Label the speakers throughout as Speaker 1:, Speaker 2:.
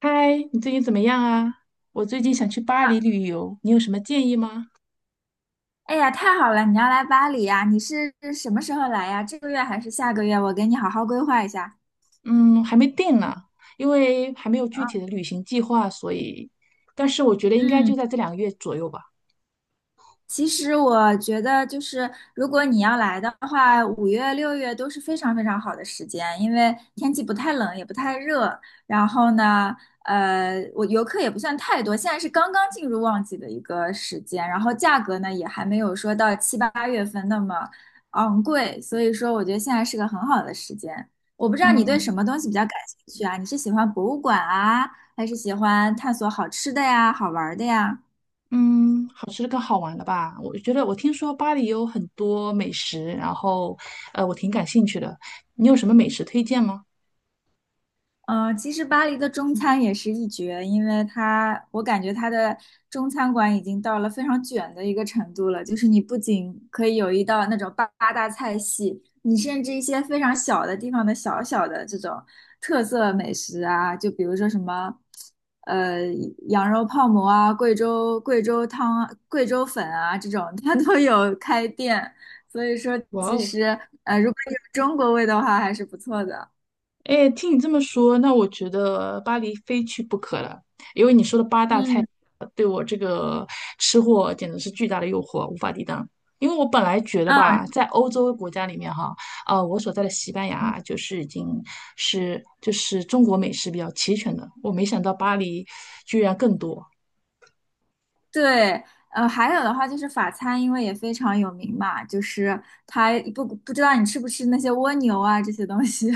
Speaker 1: 嗨，你最近怎么样啊？我最近想去巴黎旅游，你有什么建议吗？
Speaker 2: 哎呀，太好了！你要来巴黎呀？你是什么时候来呀？这个月还是下个月？我给你好好规划一下。
Speaker 1: 嗯，还没定呢，因为还没有具体的旅行计划，所以，但是我觉得应该就
Speaker 2: 嗯。
Speaker 1: 在这两个月左右吧。
Speaker 2: 其实我觉得，就是如果你要来的话，5月、6月都是非常非常好的时间，因为天气不太冷，也不太热。然后呢，我游客也不算太多，现在是刚刚进入旺季的一个时间，然后价格呢也还没有说到七八月份那么昂贵，所以说我觉得现在是个很好的时间。我不知道你对什
Speaker 1: 嗯
Speaker 2: 么东西比较感兴趣啊？你是喜欢博物馆啊，还是喜欢探索好吃的呀、好玩儿的呀？
Speaker 1: 嗯，好吃的跟好玩的吧。我觉得我听说巴黎有很多美食，然后，我挺感兴趣的。你有什么美食推荐吗？
Speaker 2: 嗯，其实巴黎的中餐也是一绝，因为它，我感觉它的中餐馆已经到了非常卷的一个程度了。就是你不仅可以有一道那种八大菜系，你甚至一些非常小的地方的小小的这种特色美食啊，就比如说什么，呃，羊肉泡馍啊、贵州汤啊贵州粉啊这种，它都有开店。所以说，
Speaker 1: 哇
Speaker 2: 其
Speaker 1: 哦，
Speaker 2: 实如果有中国味的话，还是不错的。
Speaker 1: 哎，听你这么说，那我觉得巴黎非去不可了，因为你说的八大菜
Speaker 2: 嗯，
Speaker 1: 对我这个吃货简直是巨大的诱惑，无法抵挡。因为我本来觉得吧，
Speaker 2: 嗯。
Speaker 1: 在欧洲国家里面哈，我所在的西班牙就是已经是就是中国美食比较齐全的，我没想到巴黎居然更多。
Speaker 2: 对，还有的话就是法餐，因为也非常有名嘛，就是它不知道你吃不吃那些蜗牛啊这些东西。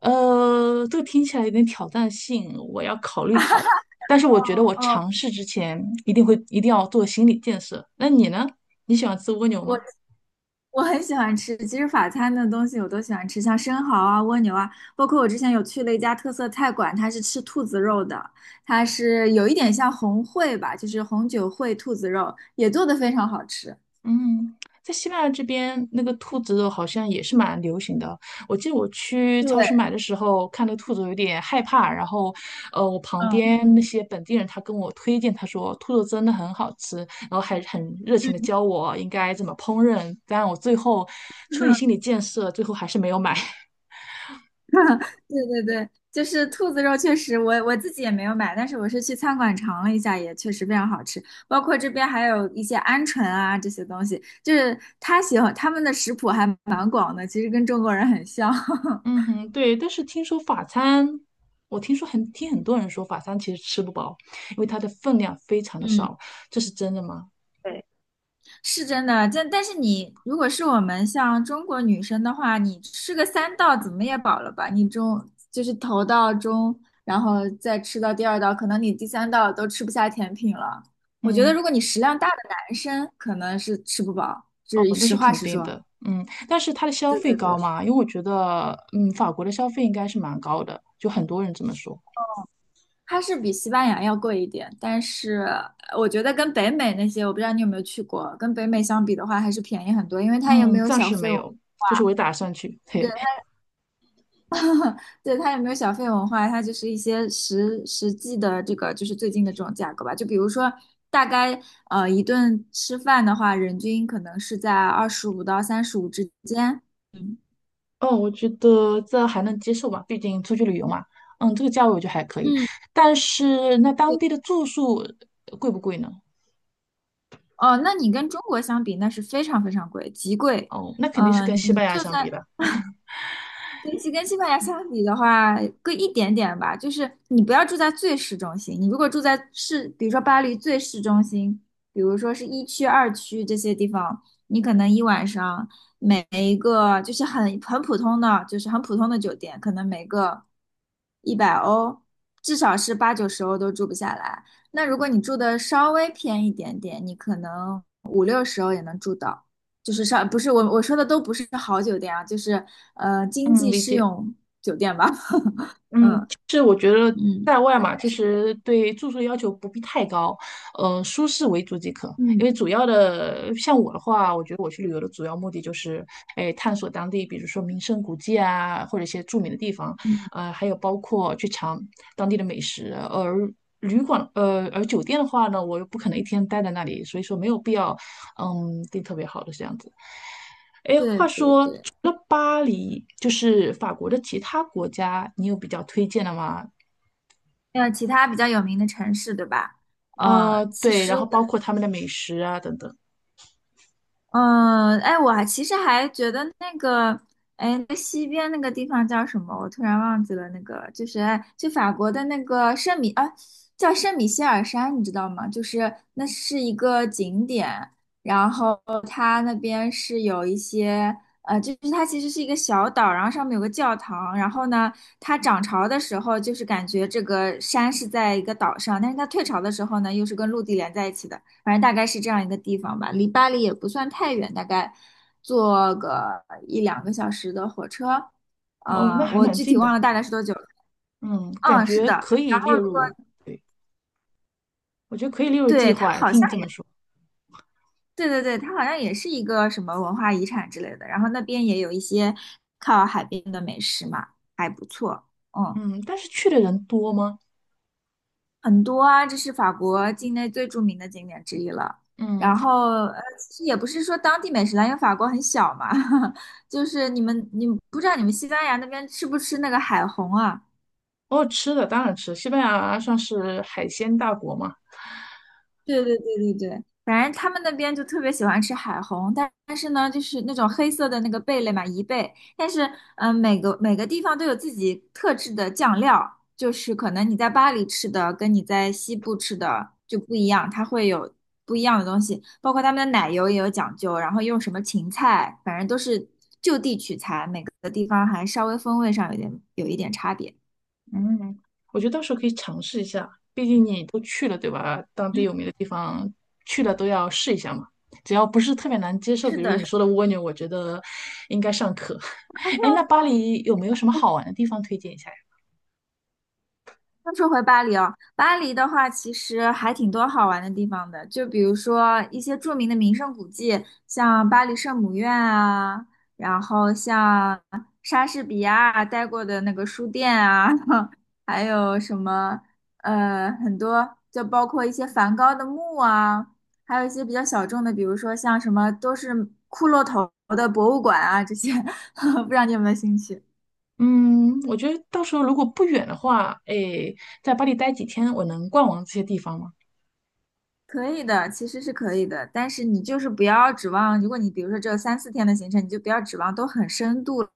Speaker 1: 这个听起来有点挑战性，我要考虑考虑。但是我觉得
Speaker 2: 哦
Speaker 1: 我
Speaker 2: 哦，
Speaker 1: 尝试之前一定要做心理建设。那你呢？你喜欢吃蜗牛
Speaker 2: 我
Speaker 1: 吗？
Speaker 2: 我很喜欢吃，其实法餐的东西我都喜欢吃，像生蚝啊、蜗牛啊，包括我之前有去了一家特色菜馆，它是吃兔子肉的，它是有一点像红烩吧，就是红酒烩兔子肉，也做的非常好吃。
Speaker 1: 嗯，在西班牙这边，那个兔子肉好像也是蛮流行的。我记得我去
Speaker 2: 对，
Speaker 1: 超市买的时候，看到兔子有点害怕，然后，我旁
Speaker 2: 嗯，
Speaker 1: 边那些本地人他跟我推荐，他说兔肉真的很好吃，然后还很热情的教 我应该怎么烹饪。但我最后出于心理建设，最后还是没有买。
Speaker 2: 对对对，就是兔子肉，确实我自己也没有买，但是我是去餐馆尝了一下，也确实非常好吃。包括这边还有一些鹌鹑啊这些东西，就是他喜欢他们的食谱还蛮广的，其实跟中国人很像。
Speaker 1: 嗯哼，对，但是听说法餐，我听说很，听很多人说法餐其实吃不饱，因为它的分量非常的
Speaker 2: 嗯，
Speaker 1: 少，这是真的吗？
Speaker 2: 对，是真的，但是你如果是我们像中国女生的话，你吃个三道怎么也饱了吧？你中就是头道中，然后再吃到第二道，可能你第三道都吃不下甜品了。我觉得
Speaker 1: 嗯，
Speaker 2: 如果你食量大的男生，可能是吃不饱，就
Speaker 1: 哦，
Speaker 2: 是
Speaker 1: 那
Speaker 2: 实
Speaker 1: 是
Speaker 2: 话
Speaker 1: 肯
Speaker 2: 实
Speaker 1: 定
Speaker 2: 说。
Speaker 1: 的，嗯，但是它的消
Speaker 2: 对
Speaker 1: 费
Speaker 2: 对
Speaker 1: 高
Speaker 2: 对，
Speaker 1: 吗？因为我觉得，嗯，法国的消费应该是蛮高的，就很多人这么说，
Speaker 2: 它是比西班牙要贵一点，但是我觉得跟北美那些，我不知道你有没有去过，跟北美相比的话，还是便宜很多，因为它也没
Speaker 1: 嗯，
Speaker 2: 有
Speaker 1: 暂
Speaker 2: 小
Speaker 1: 时
Speaker 2: 费。
Speaker 1: 没
Speaker 2: 对。
Speaker 1: 有，就是我也打算去，嘿，
Speaker 2: 对，它也没有小费文化，它就是一些实际的这个就是最近的这种价格吧。就比如说，大概一顿吃饭的话，人均可能是在25到35之间。
Speaker 1: 哦，我觉得这还能接受吧，毕竟出去旅游嘛，嗯，这个价位我觉得还可以，
Speaker 2: 嗯，
Speaker 1: 但是那当
Speaker 2: 对，
Speaker 1: 地的住宿贵不贵呢？
Speaker 2: 哦，那你跟中国相比，那是非常非常贵，极贵。
Speaker 1: 哦，那肯定是跟
Speaker 2: 嗯，
Speaker 1: 西
Speaker 2: 你
Speaker 1: 班牙
Speaker 2: 就
Speaker 1: 相
Speaker 2: 算
Speaker 1: 比了，
Speaker 2: 学习跟西班牙相比的话，贵一点点吧。就是你不要住在最市中心，你如果住在市，比如说巴黎最市中心，比如说是一区、二区这些地方，你可能一晚上每一个就是很普通的，就是很普通的酒店，可能每个100欧，至少是八九十欧都住不下来。那如果你住的稍微偏一点点，你可能五六十欧也能住到。就是上，不是我说的都不是好酒店啊，就是经
Speaker 1: 嗯，
Speaker 2: 济
Speaker 1: 理
Speaker 2: 适
Speaker 1: 解，
Speaker 2: 用酒店吧。嗯
Speaker 1: 嗯。
Speaker 2: 嗯
Speaker 1: 在外嘛，其实对住宿要求不必太高，嗯，舒适为主即可。因
Speaker 2: 嗯
Speaker 1: 为主要的，像我的话，我觉得我去旅游的主要目的就是，哎，探索当地，比如说名胜古迹啊，或者一些著名的地方，
Speaker 2: 嗯，
Speaker 1: 还有包括去尝当地的美食。而而酒店的话呢，我又不可能一天待在那里，所以说没有必要，嗯，订特别好的这样子。哎，
Speaker 2: 对
Speaker 1: 话
Speaker 2: 对
Speaker 1: 说，
Speaker 2: 对。
Speaker 1: 除了巴黎，就是法国的其他国家，你有比较推荐的吗？
Speaker 2: 还其他比较有名的城市，对吧？其
Speaker 1: 对，然
Speaker 2: 实我
Speaker 1: 后包括他们的美食啊等等。
Speaker 2: 嗯，哎，我还其实还觉得那个，哎，那西边那个地方叫什么？我突然忘记了，那个就是哎就法国的那个圣米啊，叫圣米歇尔山，你知道吗？就是那是一个景点，然后它那边是有一些就是它其实是一个小岛，然后上面有个教堂，然后呢，它涨潮的时候就是感觉这个山是在一个岛上，但是它退潮的时候呢，又是跟陆地连在一起的。反正大概是这样一个地方吧，离巴黎也不算太远，大概坐个一两个小时的火车。
Speaker 1: 哦，那
Speaker 2: 啊、
Speaker 1: 还
Speaker 2: 我
Speaker 1: 蛮
Speaker 2: 具体
Speaker 1: 近的，
Speaker 2: 忘了大概是多久了，
Speaker 1: 嗯，感
Speaker 2: 嗯，是
Speaker 1: 觉
Speaker 2: 的。
Speaker 1: 可以
Speaker 2: 然后
Speaker 1: 列
Speaker 2: 如果
Speaker 1: 入，对，我觉得可以列入计
Speaker 2: 对它
Speaker 1: 划。哎
Speaker 2: 好
Speaker 1: 听你
Speaker 2: 像
Speaker 1: 这么
Speaker 2: 也，
Speaker 1: 说，
Speaker 2: 对对对，它好像也是一个什么文化遗产之类的。然后那边也有一些靠海边的美食嘛，还不错。嗯。
Speaker 1: 嗯，但是去的人多吗？
Speaker 2: 很多啊，这是法国境内最著名的景点之一了。
Speaker 1: 嗯，
Speaker 2: 然后，其实也不是说当地美食啦，因为法国很小嘛，就是你们不知道你们西班牙那边吃不吃那个海虹啊？
Speaker 1: 哦，吃的当然吃，西班牙算是海鲜大国嘛，
Speaker 2: 对对对对对，反正他们那边就特别喜欢吃海虹，但是呢，就是那种黑色的那个贝类嘛，贻贝。但是，每个地方都有自己特制的酱料，就是可能你在巴黎吃的跟你在西部吃的就不一样，它会有不一样的东西，包括他们的奶油也有讲究，然后用什么芹菜，反正都是就地取材，每个地方还稍微风味上有一点差别。
Speaker 1: 嗯，我觉得到时候可以尝试一下，毕竟你都去了，对吧？当地
Speaker 2: 嗯，
Speaker 1: 有名的地方去了都要试一下嘛，只要不是特别难接受，
Speaker 2: 是
Speaker 1: 比如
Speaker 2: 的，
Speaker 1: 你说的蜗牛，我觉得应该尚可。哎，那巴黎有没有什么好玩的地方推荐一下？
Speaker 2: 那说回巴黎哦，巴黎的话其实还挺多好玩的地方的，就比如说一些著名的名胜古迹，像巴黎圣母院啊，然后像莎士比亚待过的那个书店啊，还有什么很多，就包括一些梵高的墓啊，还有一些比较小众的，比如说像什么都是骷髅头的博物馆啊这些，不知道你有没有兴趣？
Speaker 1: 嗯，我觉得到时候如果不远的话，诶，在巴黎待几天，我能逛完这些地方吗？
Speaker 2: 可以的，其实是可以的，但是你就是不要指望，如果你比如说只有三四天的行程，你就不要指望都很深度了，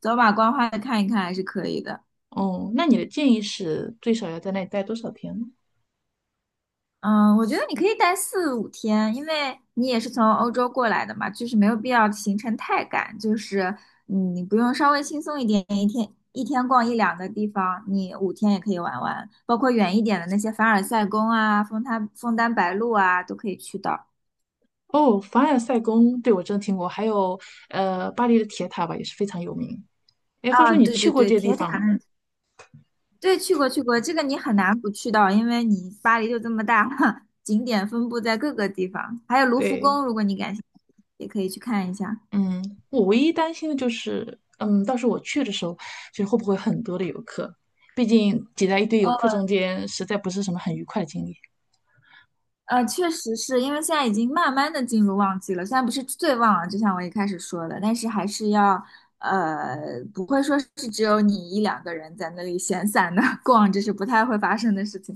Speaker 2: 走马观花的看一看还是可以的。
Speaker 1: 哦，那你的建议是最少要在那里待多少天呢？
Speaker 2: 嗯，我觉得你可以待四五天，因为你也是从欧洲过来的嘛，就是没有必要行程太赶，就是你不用稍微轻松一点，一天一天逛一两个地方，你五天也可以玩完，包括远一点的那些凡尔赛宫啊、枫丹白露啊，都可以去到。
Speaker 1: 哦，凡尔赛宫，对，我真的听过，还有巴黎的铁塔吧，也是非常有名。诶，话
Speaker 2: 啊，
Speaker 1: 说你
Speaker 2: 对
Speaker 1: 去
Speaker 2: 对
Speaker 1: 过
Speaker 2: 对，
Speaker 1: 这些地
Speaker 2: 铁塔
Speaker 1: 方吗？
Speaker 2: 那对，去过去过，这个你很难不去到，因为你巴黎就这么大，景点分布在各个地方，还有卢浮
Speaker 1: 对，
Speaker 2: 宫，如果你感兴趣，也可以去看一下。
Speaker 1: 嗯，我唯一担心的就是，嗯，到时候我去的时候，就是会不会很多的游客？毕竟挤在一堆游
Speaker 2: 呃
Speaker 1: 客中间，实在不是什么很愉快的经历。
Speaker 2: 确实是因为现在已经慢慢的进入旺季了，虽然不是最旺了，就像我一开始说的，但是还是要呃，不会说是只有你一两个人在那里闲散的 逛，这是不太会发生的事情。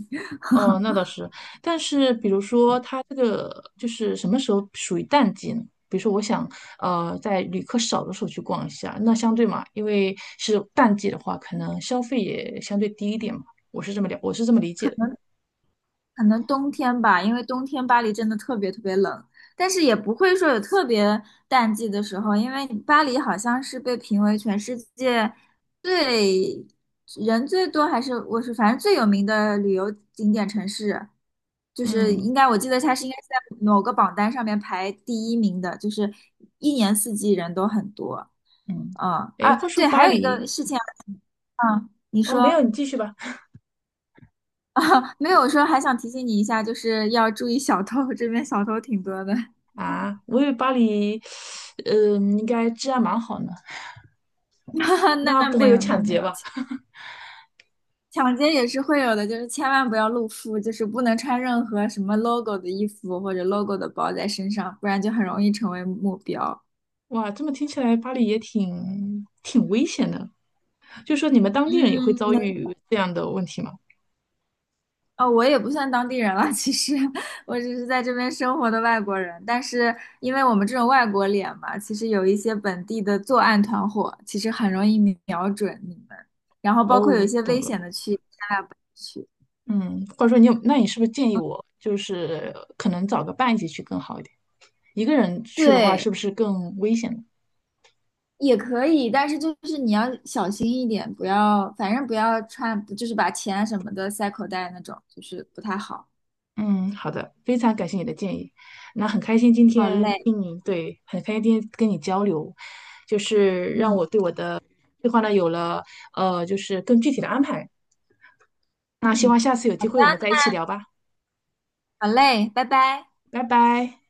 Speaker 1: 哦，那倒是，但是比如说，它这个就是什么时候属于淡季呢？比如说，我想在旅客少的时候去逛一下，那相对嘛，因为是淡季的话，可能消费也相对低一点嘛。我是这么理解的。
Speaker 2: 可能冬天吧，因为冬天巴黎真的特别特别冷，但是也不会说有特别淡季的时候，因为巴黎好像是被评为全世界最人最多，还是我是反正最有名的旅游景点城市，就是应
Speaker 1: 嗯
Speaker 2: 该我记得它是应该是在某个榜单上面排第一名的，就是一年四季人都很多。
Speaker 1: 嗯，
Speaker 2: 嗯，
Speaker 1: 哎，
Speaker 2: 啊，
Speaker 1: 话说
Speaker 2: 对，
Speaker 1: 巴
Speaker 2: 还有一个
Speaker 1: 黎，
Speaker 2: 事情，嗯，你
Speaker 1: 哦，没有，
Speaker 2: 说。
Speaker 1: 你继续吧。
Speaker 2: 啊，没有说还想提醒你一下，就是要注意小偷，这边小偷挺多的。
Speaker 1: 啊，我以为巴黎，嗯、应该治安蛮好呢，那
Speaker 2: 那
Speaker 1: 不会
Speaker 2: 没
Speaker 1: 有
Speaker 2: 有，那
Speaker 1: 抢
Speaker 2: 没
Speaker 1: 劫
Speaker 2: 有，
Speaker 1: 吧？
Speaker 2: 抢劫也是会有的，就是千万不要露富，就是不能穿任何什么 logo 的衣服或者 logo 的包在身上，不然就很容易成为目标。
Speaker 1: 哇，这么听起来，巴黎也挺危险的。就说你们当地人也会
Speaker 2: 嗯，
Speaker 1: 遭遇这样的问题吗？
Speaker 2: 哦，我也不算当地人了，其实 我只是在这边生活的外国人。但是因为我们这种外国脸嘛，其实有一些本地的作案团伙，其实很容易瞄准你们。然后包括有一
Speaker 1: 哦，
Speaker 2: 些
Speaker 1: 懂
Speaker 2: 危
Speaker 1: 了。
Speaker 2: 险的区域，千万不要去。
Speaker 1: 嗯，或者说你有，那你是不是建议我就是可能找个伴一起去更好一点？一个人去的话，
Speaker 2: 对，
Speaker 1: 是不是更危险呢？
Speaker 2: 也可以，但是就是你要小心一点，不要，反正不要穿，就是把钱啊什么的塞口袋那种，就是不太好。
Speaker 1: 嗯，好的，非常感谢你的建议。那很开心今
Speaker 2: 好
Speaker 1: 天
Speaker 2: 嘞，
Speaker 1: 听你，对，很开心今天跟你交流，就是
Speaker 2: 嗯
Speaker 1: 计话呢有了就是更具体的安排。那希
Speaker 2: 嗯，
Speaker 1: 望下次有
Speaker 2: 好
Speaker 1: 机
Speaker 2: 的，
Speaker 1: 会我们再一起聊吧，
Speaker 2: 好嘞，拜拜。
Speaker 1: 拜拜。